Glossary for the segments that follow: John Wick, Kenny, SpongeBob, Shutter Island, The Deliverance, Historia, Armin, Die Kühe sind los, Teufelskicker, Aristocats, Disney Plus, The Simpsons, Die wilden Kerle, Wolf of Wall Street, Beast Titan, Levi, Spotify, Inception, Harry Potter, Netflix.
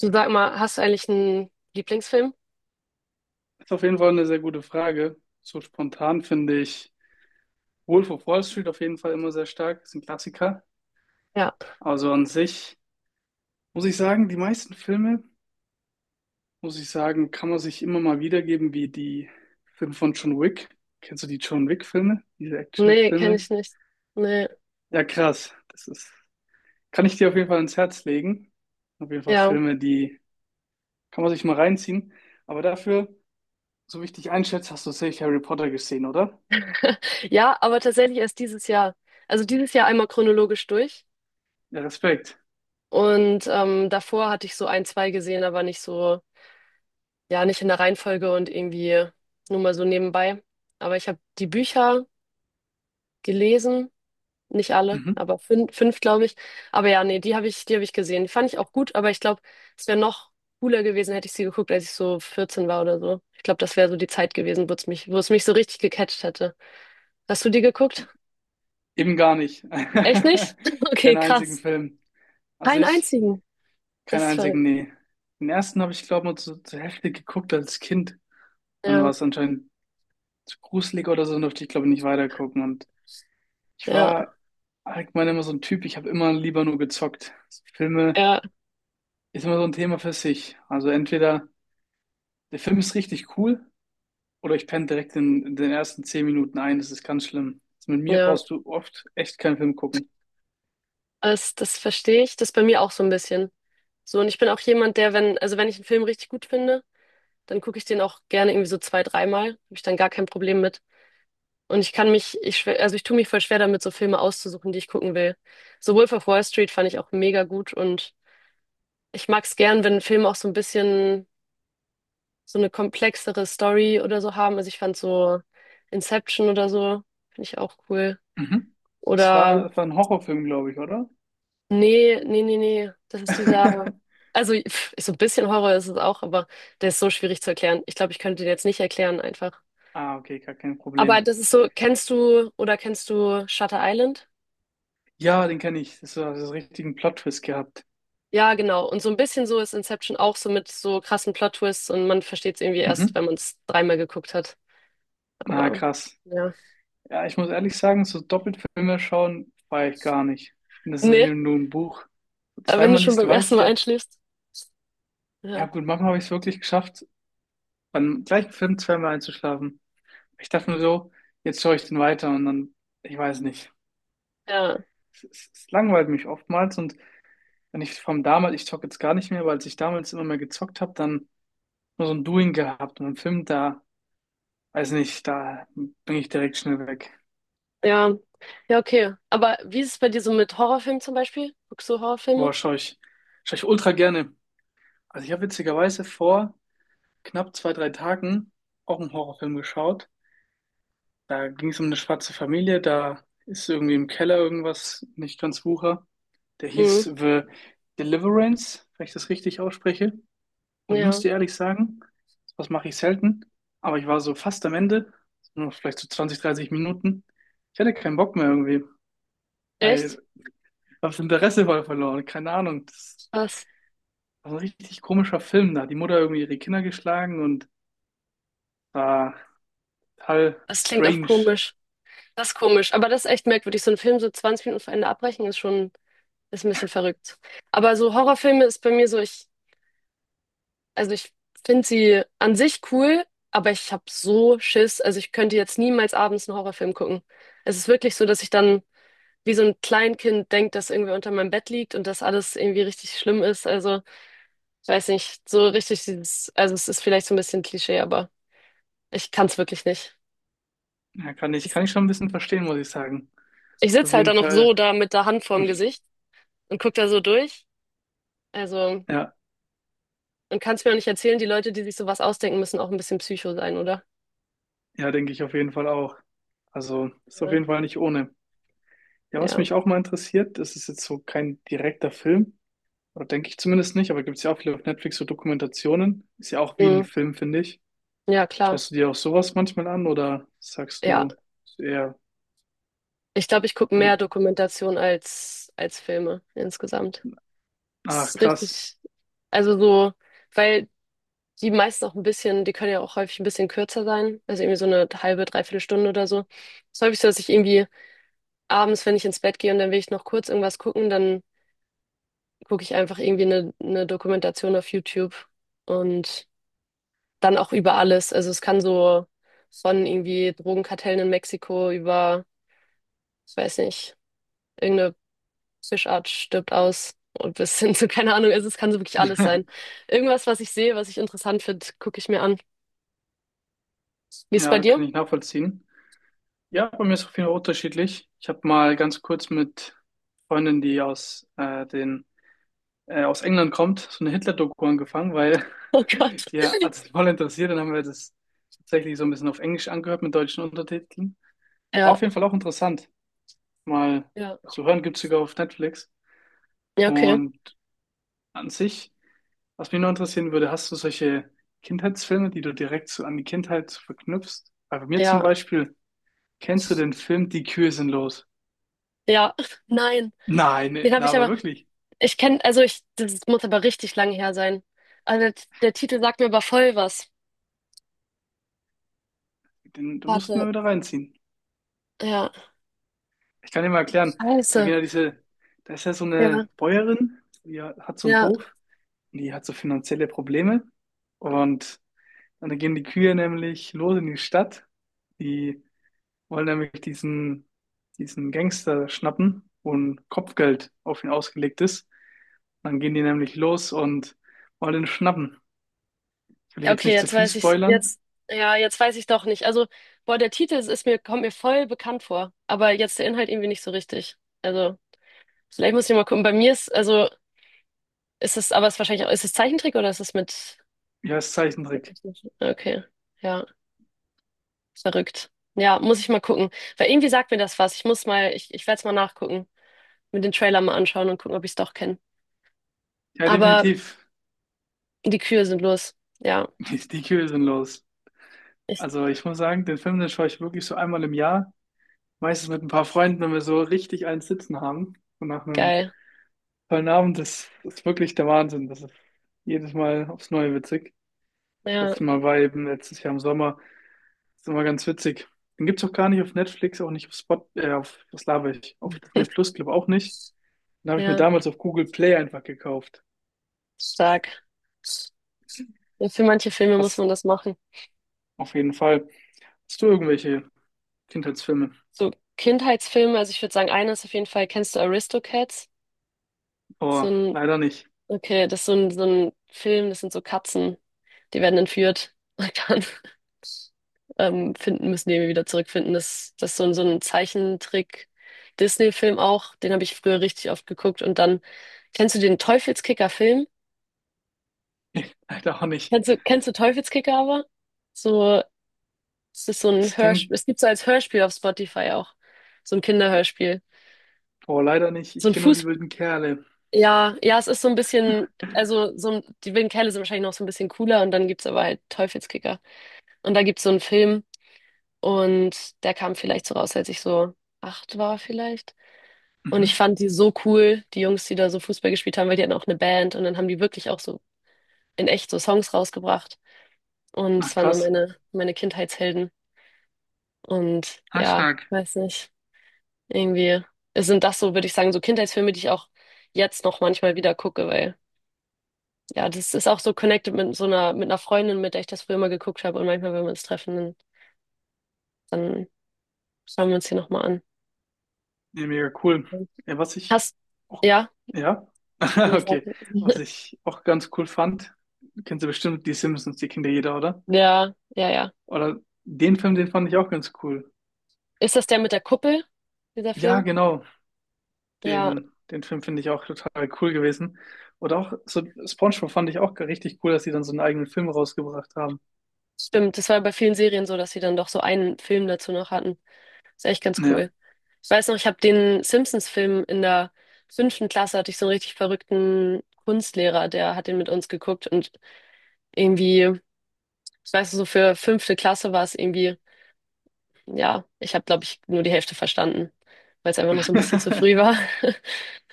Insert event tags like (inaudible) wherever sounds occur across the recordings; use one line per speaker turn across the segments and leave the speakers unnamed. Du sag mal, hast du eigentlich einen Lieblingsfilm?
Ist auf jeden Fall eine sehr gute Frage. So spontan finde ich Wolf of Wall Street auf jeden Fall immer sehr stark. Ist ein Klassiker.
Ja.
Also an sich muss ich sagen, die meisten Filme, muss ich sagen, kann man sich immer mal wiedergeben, wie die Filme von John Wick. Kennst du die John Wick-Filme? Diese
Nee, kenne
Actionfilme?
ich nicht. Nee.
Ja, krass. Kann ich dir auf jeden Fall ans Herz legen. Auf jeden Fall
Ja.
Filme, die kann man sich mal reinziehen. Aber dafür, so wie ich dich einschätze, hast du sicher Harry Potter gesehen, oder?
Ja, aber tatsächlich erst dieses Jahr. Also dieses Jahr einmal chronologisch durch.
Ja, Respekt.
Und davor hatte ich so ein, zwei gesehen, aber nicht so, ja, nicht in der Reihenfolge und irgendwie nur mal so nebenbei. Aber ich habe die Bücher gelesen. Nicht alle,
Mhm.
aber fünf glaube ich. Aber ja, nee, die habe ich gesehen. Die fand ich auch gut, aber ich glaube, es wäre noch cooler gewesen, hätte ich sie geguckt, als ich so 14 war oder so. Ich glaube, das wäre so die Zeit gewesen, wo es mich so richtig gecatcht hätte. Hast du die geguckt?
Eben gar nicht. (laughs)
Echt nicht? (laughs) Okay,
Keinen einzigen
krass.
Film. Also
Keinen
ich,
einzigen.
Keinen
Das ist
einzigen,
verrückt.
nee. Den ersten habe ich, glaube ich, nur zur Hälfte geguckt als Kind. Dann war
Ja,
es anscheinend zu gruselig oder so, dann durfte ich, glaube ich, nicht weitergucken. Und ich
ja,
war allgemein immer so ein Typ, ich habe immer lieber nur gezockt. Filme
ja,
ist immer so ein Thema für sich. Also entweder der Film ist richtig cool oder ich penne direkt in den ersten 10 Minuten ein. Das ist ganz schlimm. Also mit mir
ja.
brauchst du oft echt keinen Film gucken.
Das verstehe ich. Das ist bei mir auch so ein bisschen. So, und ich bin auch jemand, der, wenn, also wenn ich einen Film richtig gut finde, dann gucke ich den auch gerne irgendwie so zwei, dreimal. Habe ich dann gar kein Problem mit. Und ich kann mich, ich, schw- also ich tue mich voll schwer damit, so Filme auszusuchen, die ich gucken will. So Wolf of Wall Street fand ich auch mega gut und ich mag es gern, wenn Filme auch so ein bisschen so eine komplexere Story oder so haben. Also ich fand so Inception oder so, finde ich auch cool.
Mhm. Es war,
Oder
es war ein Horrorfilm, glaube ich, oder?
nee, nee, nee, nee, das ist dieser,
(laughs)
also pff, so ein bisschen Horror ist es auch, aber der ist so schwierig zu erklären. Ich glaube, ich könnte den jetzt nicht erklären einfach.
Ah, okay, gar kein
Aber
Problem.
das ist so, kennst du Shutter Island?
Ja, den kenne ich. Das war das richtigen Plot-Twist gehabt.
Ja, genau. Und so ein bisschen so ist Inception auch so mit so krassen Plot-Twists und man versteht es irgendwie erst,
Mhm.
wenn man es dreimal geguckt hat.
Na,
Aber
krass.
ja.
Ja, ich muss ehrlich sagen, so doppelt Filme schauen, feiere ich gar nicht. Ich finde, das ist so wie
Nee,
nur ein Buch. So
aber wenn du
zweimal
schon
liest, du
beim ersten
weißt
Mal
ja,
einschläfst.
ja
Ja.
gut, manchmal habe ich es wirklich geschafft, beim gleichen Film zweimal einzuschlafen. Ich dachte mir so, jetzt schaue ich den weiter und dann, ich weiß nicht.
Ja.
Es langweilt mich oftmals und wenn ich vom damals, ich zocke jetzt gar nicht mehr, weil als ich damals immer mehr gezockt habe, dann nur so ein Doing gehabt und einen Film da. Weiß nicht, da bin ich direkt schnell weg.
Ja. Ja, okay. Aber wie ist es bei dir so mit Horrorfilmen zum Beispiel? Guckst du Horrorfilme?
Boah, schaue ich ultra gerne. Also ich habe witzigerweise vor knapp 2-3 Tagen auch einen Horrorfilm geschaut. Da ging es um eine schwarze Familie, da ist irgendwie im Keller irgendwas nicht ganz wucher. Der
Mhm.
hieß The Deliverance, wenn ich das richtig ausspreche. Und ich muss
Ja.
dir ehrlich sagen, was mache ich selten, aber ich war so fast am Ende, nur vielleicht so 20-30 Minuten. Ich hatte keinen Bock mehr irgendwie, weil
Echt?
ich habe das Interesse voll verloren. Keine Ahnung. Das
Was?
war ein richtig komischer Film. Da hat die Mutter irgendwie ihre Kinder geschlagen und war total
Das klingt auch
strange.
komisch. Das ist komisch. Aber das ist echt merkwürdig. So einen Film so 20 Minuten vor Ende abbrechen ist schon, ist ein bisschen verrückt. Aber so Horrorfilme ist bei mir so, ich Also ich finde sie an sich cool, aber ich habe so Schiss. Also ich könnte jetzt niemals abends einen Horrorfilm gucken. Es ist wirklich so, dass ich dann wie so ein Kleinkind denke, dass irgendwie unter meinem Bett liegt und dass alles irgendwie richtig schlimm ist. Also ich weiß nicht, so richtig dieses, also es ist vielleicht so ein bisschen Klischee, aber ich kann es wirklich nicht.
Ja, kann ich,
Es-
kann ich schon ein bisschen verstehen, muss ich sagen.
Ich
Auf
sitze halt
jeden
dann noch so
Fall,
da mit der Hand vorm Gesicht und gucke da so durch. Also
ja,
und kann es mir auch nicht erzählen, die Leute, die sich sowas ausdenken, müssen auch ein bisschen Psycho sein, oder?
ja, denke ich auf jeden Fall auch. Also ist auf
Ja.
jeden Fall nicht ohne. Ja, was
Ja,
mich auch mal interessiert, das ist jetzt so kein direkter Film, oder denke ich zumindest nicht, aber gibt es ja auch viele auf Netflix so Dokumentationen. Ist ja auch wie ein
Mm.
Film, finde ich.
Ja, klar.
Schaust du dir auch sowas manchmal an oder sagst
Ja.
du ist eher,
Ich glaube, ich gucke
nee,
mehr Dokumentation als Filme insgesamt. Das
ach
ist
krass,
richtig, also so, weil die meisten auch ein bisschen, die können ja auch häufig ein bisschen kürzer sein, also irgendwie so eine halbe, dreiviertel Stunde oder so. Es ist häufig so, dass ich irgendwie abends, wenn ich ins Bett gehe und dann will ich noch kurz irgendwas gucken, dann gucke ich einfach irgendwie eine Dokumentation auf YouTube und dann auch über alles. Also es kann so von irgendwie Drogenkartellen in Mexiko über, ich weiß nicht, irgendeine Fischart stirbt aus und bis hin zu, (laughs) keine Ahnung, also es kann so wirklich alles
(laughs)
sein. Irgendwas, was ich sehe, was ich interessant finde, gucke ich mir an. Wie ist es bei
ja,
dir?
kann ich
(laughs)
nachvollziehen. Ja, bei mir ist es auf jeden Fall unterschiedlich. Ich habe mal ganz kurz mit Freundin, die aus England kommt, so eine Hitler-Doku angefangen, weil
Oh Gott.
(laughs) die hat es voll interessiert. Dann haben wir das tatsächlich so ein bisschen auf Englisch angehört mit deutschen Untertiteln.
Ja,
Auf jeden Fall auch interessant, mal
ja,
zu hören. Gibt's sogar auf Netflix.
ja, okay.
Und an sich, was mich noch interessieren würde, hast du solche Kindheitsfilme, die du direkt so an die Kindheit so verknüpfst? Weil bei mir zum
Ja,
Beispiel, kennst du den Film Die Kühe sind los?
ja, (laughs) nein.
Nein, nee,
Den habe ich
laber
aber,
wirklich.
ich kenne, also ich, das muss aber richtig lange her sein. Also der Titel sagt mir aber voll was.
Den mussten
Warte,
wir wieder reinziehen.
ja,
Ich kann dir mal erklären. Da geht
scheiße.
ja diese, Da ist ja so
Ja,
eine Bäuerin, die hat so einen
ja.
Hof und die hat so finanzielle Probleme. Und dann gehen die Kühe nämlich los in die Stadt. Die wollen nämlich diesen Gangster schnappen, wo ein Kopfgeld auf ihn ausgelegt ist. Dann gehen die nämlich los und wollen ihn schnappen. Ich will
Ja,
jetzt
okay,
nicht zu
jetzt
viel
weiß ich,
spoilern.
jetzt, ja, jetzt weiß ich doch nicht. Also, boah, der Titel kommt mir voll bekannt vor, aber jetzt der Inhalt irgendwie nicht so richtig. Also, vielleicht muss ich mal gucken. Bei mir ist, also, ist es, aber es ist wahrscheinlich auch, ist es Zeichentrick oder ist es mit,
Ja, ist
mit
Zeichentrick.
echten? Okay, ja, verrückt. Ja, muss ich mal gucken. Weil irgendwie sagt mir das was. Ich werde es mal nachgucken, mit den Trailer mal anschauen und gucken, ob ich es doch kenne.
Ja,
Aber
definitiv.
die Kühe sind los. Ja,
(laughs) Die, die Kühe sind los.
ich,
Also ich muss sagen, den Film, den schaue ich wirklich so einmal im Jahr. Meistens mit ein paar Freunden, wenn wir so richtig einen Sitzen haben. Und nach einem
geil.
tollen Abend, ist wirklich der Wahnsinn. Das ist jedes Mal aufs Neue witzig.
Ja,
Letztes Mal war eben letztes Jahr im Sommer. Das ist immer ganz witzig. Den gibt's auch gar nicht auf Netflix, auch nicht auf, was laber ich, auf Disney Plus, glaube auch nicht. Den habe ich mir
ja.
damals auf Google Play einfach gekauft.
Stark. Ja, für manche Filme muss
Das
man das machen.
auf jeden Fall. Hast du irgendwelche Kindheitsfilme?
So Kindheitsfilme, also ich würde sagen, einer ist auf jeden Fall, kennst du Aristocats? So
Oh,
ein,
leider nicht.
okay, das ist so ein Film, das sind so Katzen, die werden entführt und dann (laughs) müssen die irgendwie wieder zurückfinden. Das ist so ein Zeichentrick-Disney-Film auch, den habe ich früher richtig oft geguckt. Und dann, kennst du den Teufelskicker-Film?
(laughs) Leider auch nicht.
Kennst du Teufelskicker aber? So Es ist so ein
Das klingt.
Hörspiel, es gibt so als Hörspiel auf Spotify auch. So ein Kinderhörspiel.
Boah, leider nicht.
So
Ich
ein
kenne nur die
Fuß,
wilden Kerle.
ja, ja, es ist so ein bisschen, also so ein, die Vin Kerle sind wahrscheinlich noch so ein bisschen cooler und dann gibt's aber halt Teufelskicker. Und da gibt's so einen Film und der kam vielleicht so raus, als ich so 8 war vielleicht. Und ich
Mhm.
fand die so cool, die Jungs, die da so Fußball gespielt haben, weil die hatten auch eine Band und dann haben die wirklich auch so in echt so Songs rausgebracht. Und es
Ach,
waren so
krass.
meine Kindheitshelden. Und
Ah,
ja,
stark.
weiß nicht. Irgendwie es sind das so, würde ich sagen, so Kindheitsfilme, die ich auch jetzt noch manchmal wieder gucke, weil ja, das ist auch so connected mit so einer, mit einer Freundin, mit der ich das früher immer geguckt habe. Und manchmal, wenn wir uns treffen, dann schauen wir uns die nochmal an.
Ja, mega cool. Ja, was ich
Hast,
auch,
ja?
ja, (laughs)
Nee, sag-
okay. Was
(laughs)
ich auch ganz cool fand, kennst du bestimmt die Simpsons, die kennt ja jeder, oder?
Ja, ja, ja.
Oder den Film, den fand ich auch ganz cool.
Ist das der mit der Kuppel, dieser
Ja,
Film?
genau.
Ja,
Den Film finde ich auch total cool gewesen. Oder auch so SpongeBob fand ich auch richtig cool, dass sie dann so einen eigenen Film rausgebracht haben.
stimmt. Das war bei vielen Serien so, dass sie dann doch so einen Film dazu noch hatten. Ist echt ganz
Ja.
cool. Ich weiß noch, ich habe den Simpsons-Film in der fünften Klasse, hatte ich so einen richtig verrückten Kunstlehrer, der hat den mit uns geguckt und irgendwie, ich weiß noch, so für fünfte Klasse war es irgendwie, ja, ich habe, glaube ich, nur die Hälfte verstanden, weil es einfach noch so ein bisschen zu früh war.
(laughs)
(laughs)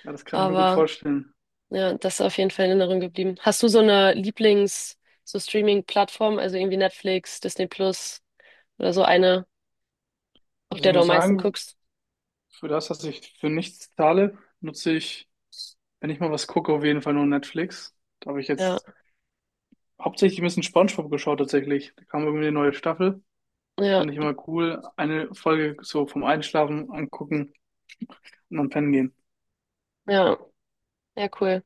Ja, das kann ich mir gut
Aber
vorstellen.
ja, das ist auf jeden Fall in Erinnerung geblieben. Hast du so eine Lieblings-, so Streaming-Plattform, also irgendwie Netflix, Disney Plus oder so eine, auf
Also ich
der du am
muss
meisten
sagen,
guckst?
für das, dass ich für nichts zahle, nutze ich, wenn ich mal was gucke, auf jeden Fall nur Netflix. Da habe ich
Ja,
jetzt hauptsächlich ein bisschen SpongeBob geschaut tatsächlich. Da kam irgendwie eine neue Staffel.
ja,
Fand ich immer cool. Eine Folge so vom Einschlafen angucken und dann pennen gehen.
ja, ja, cool.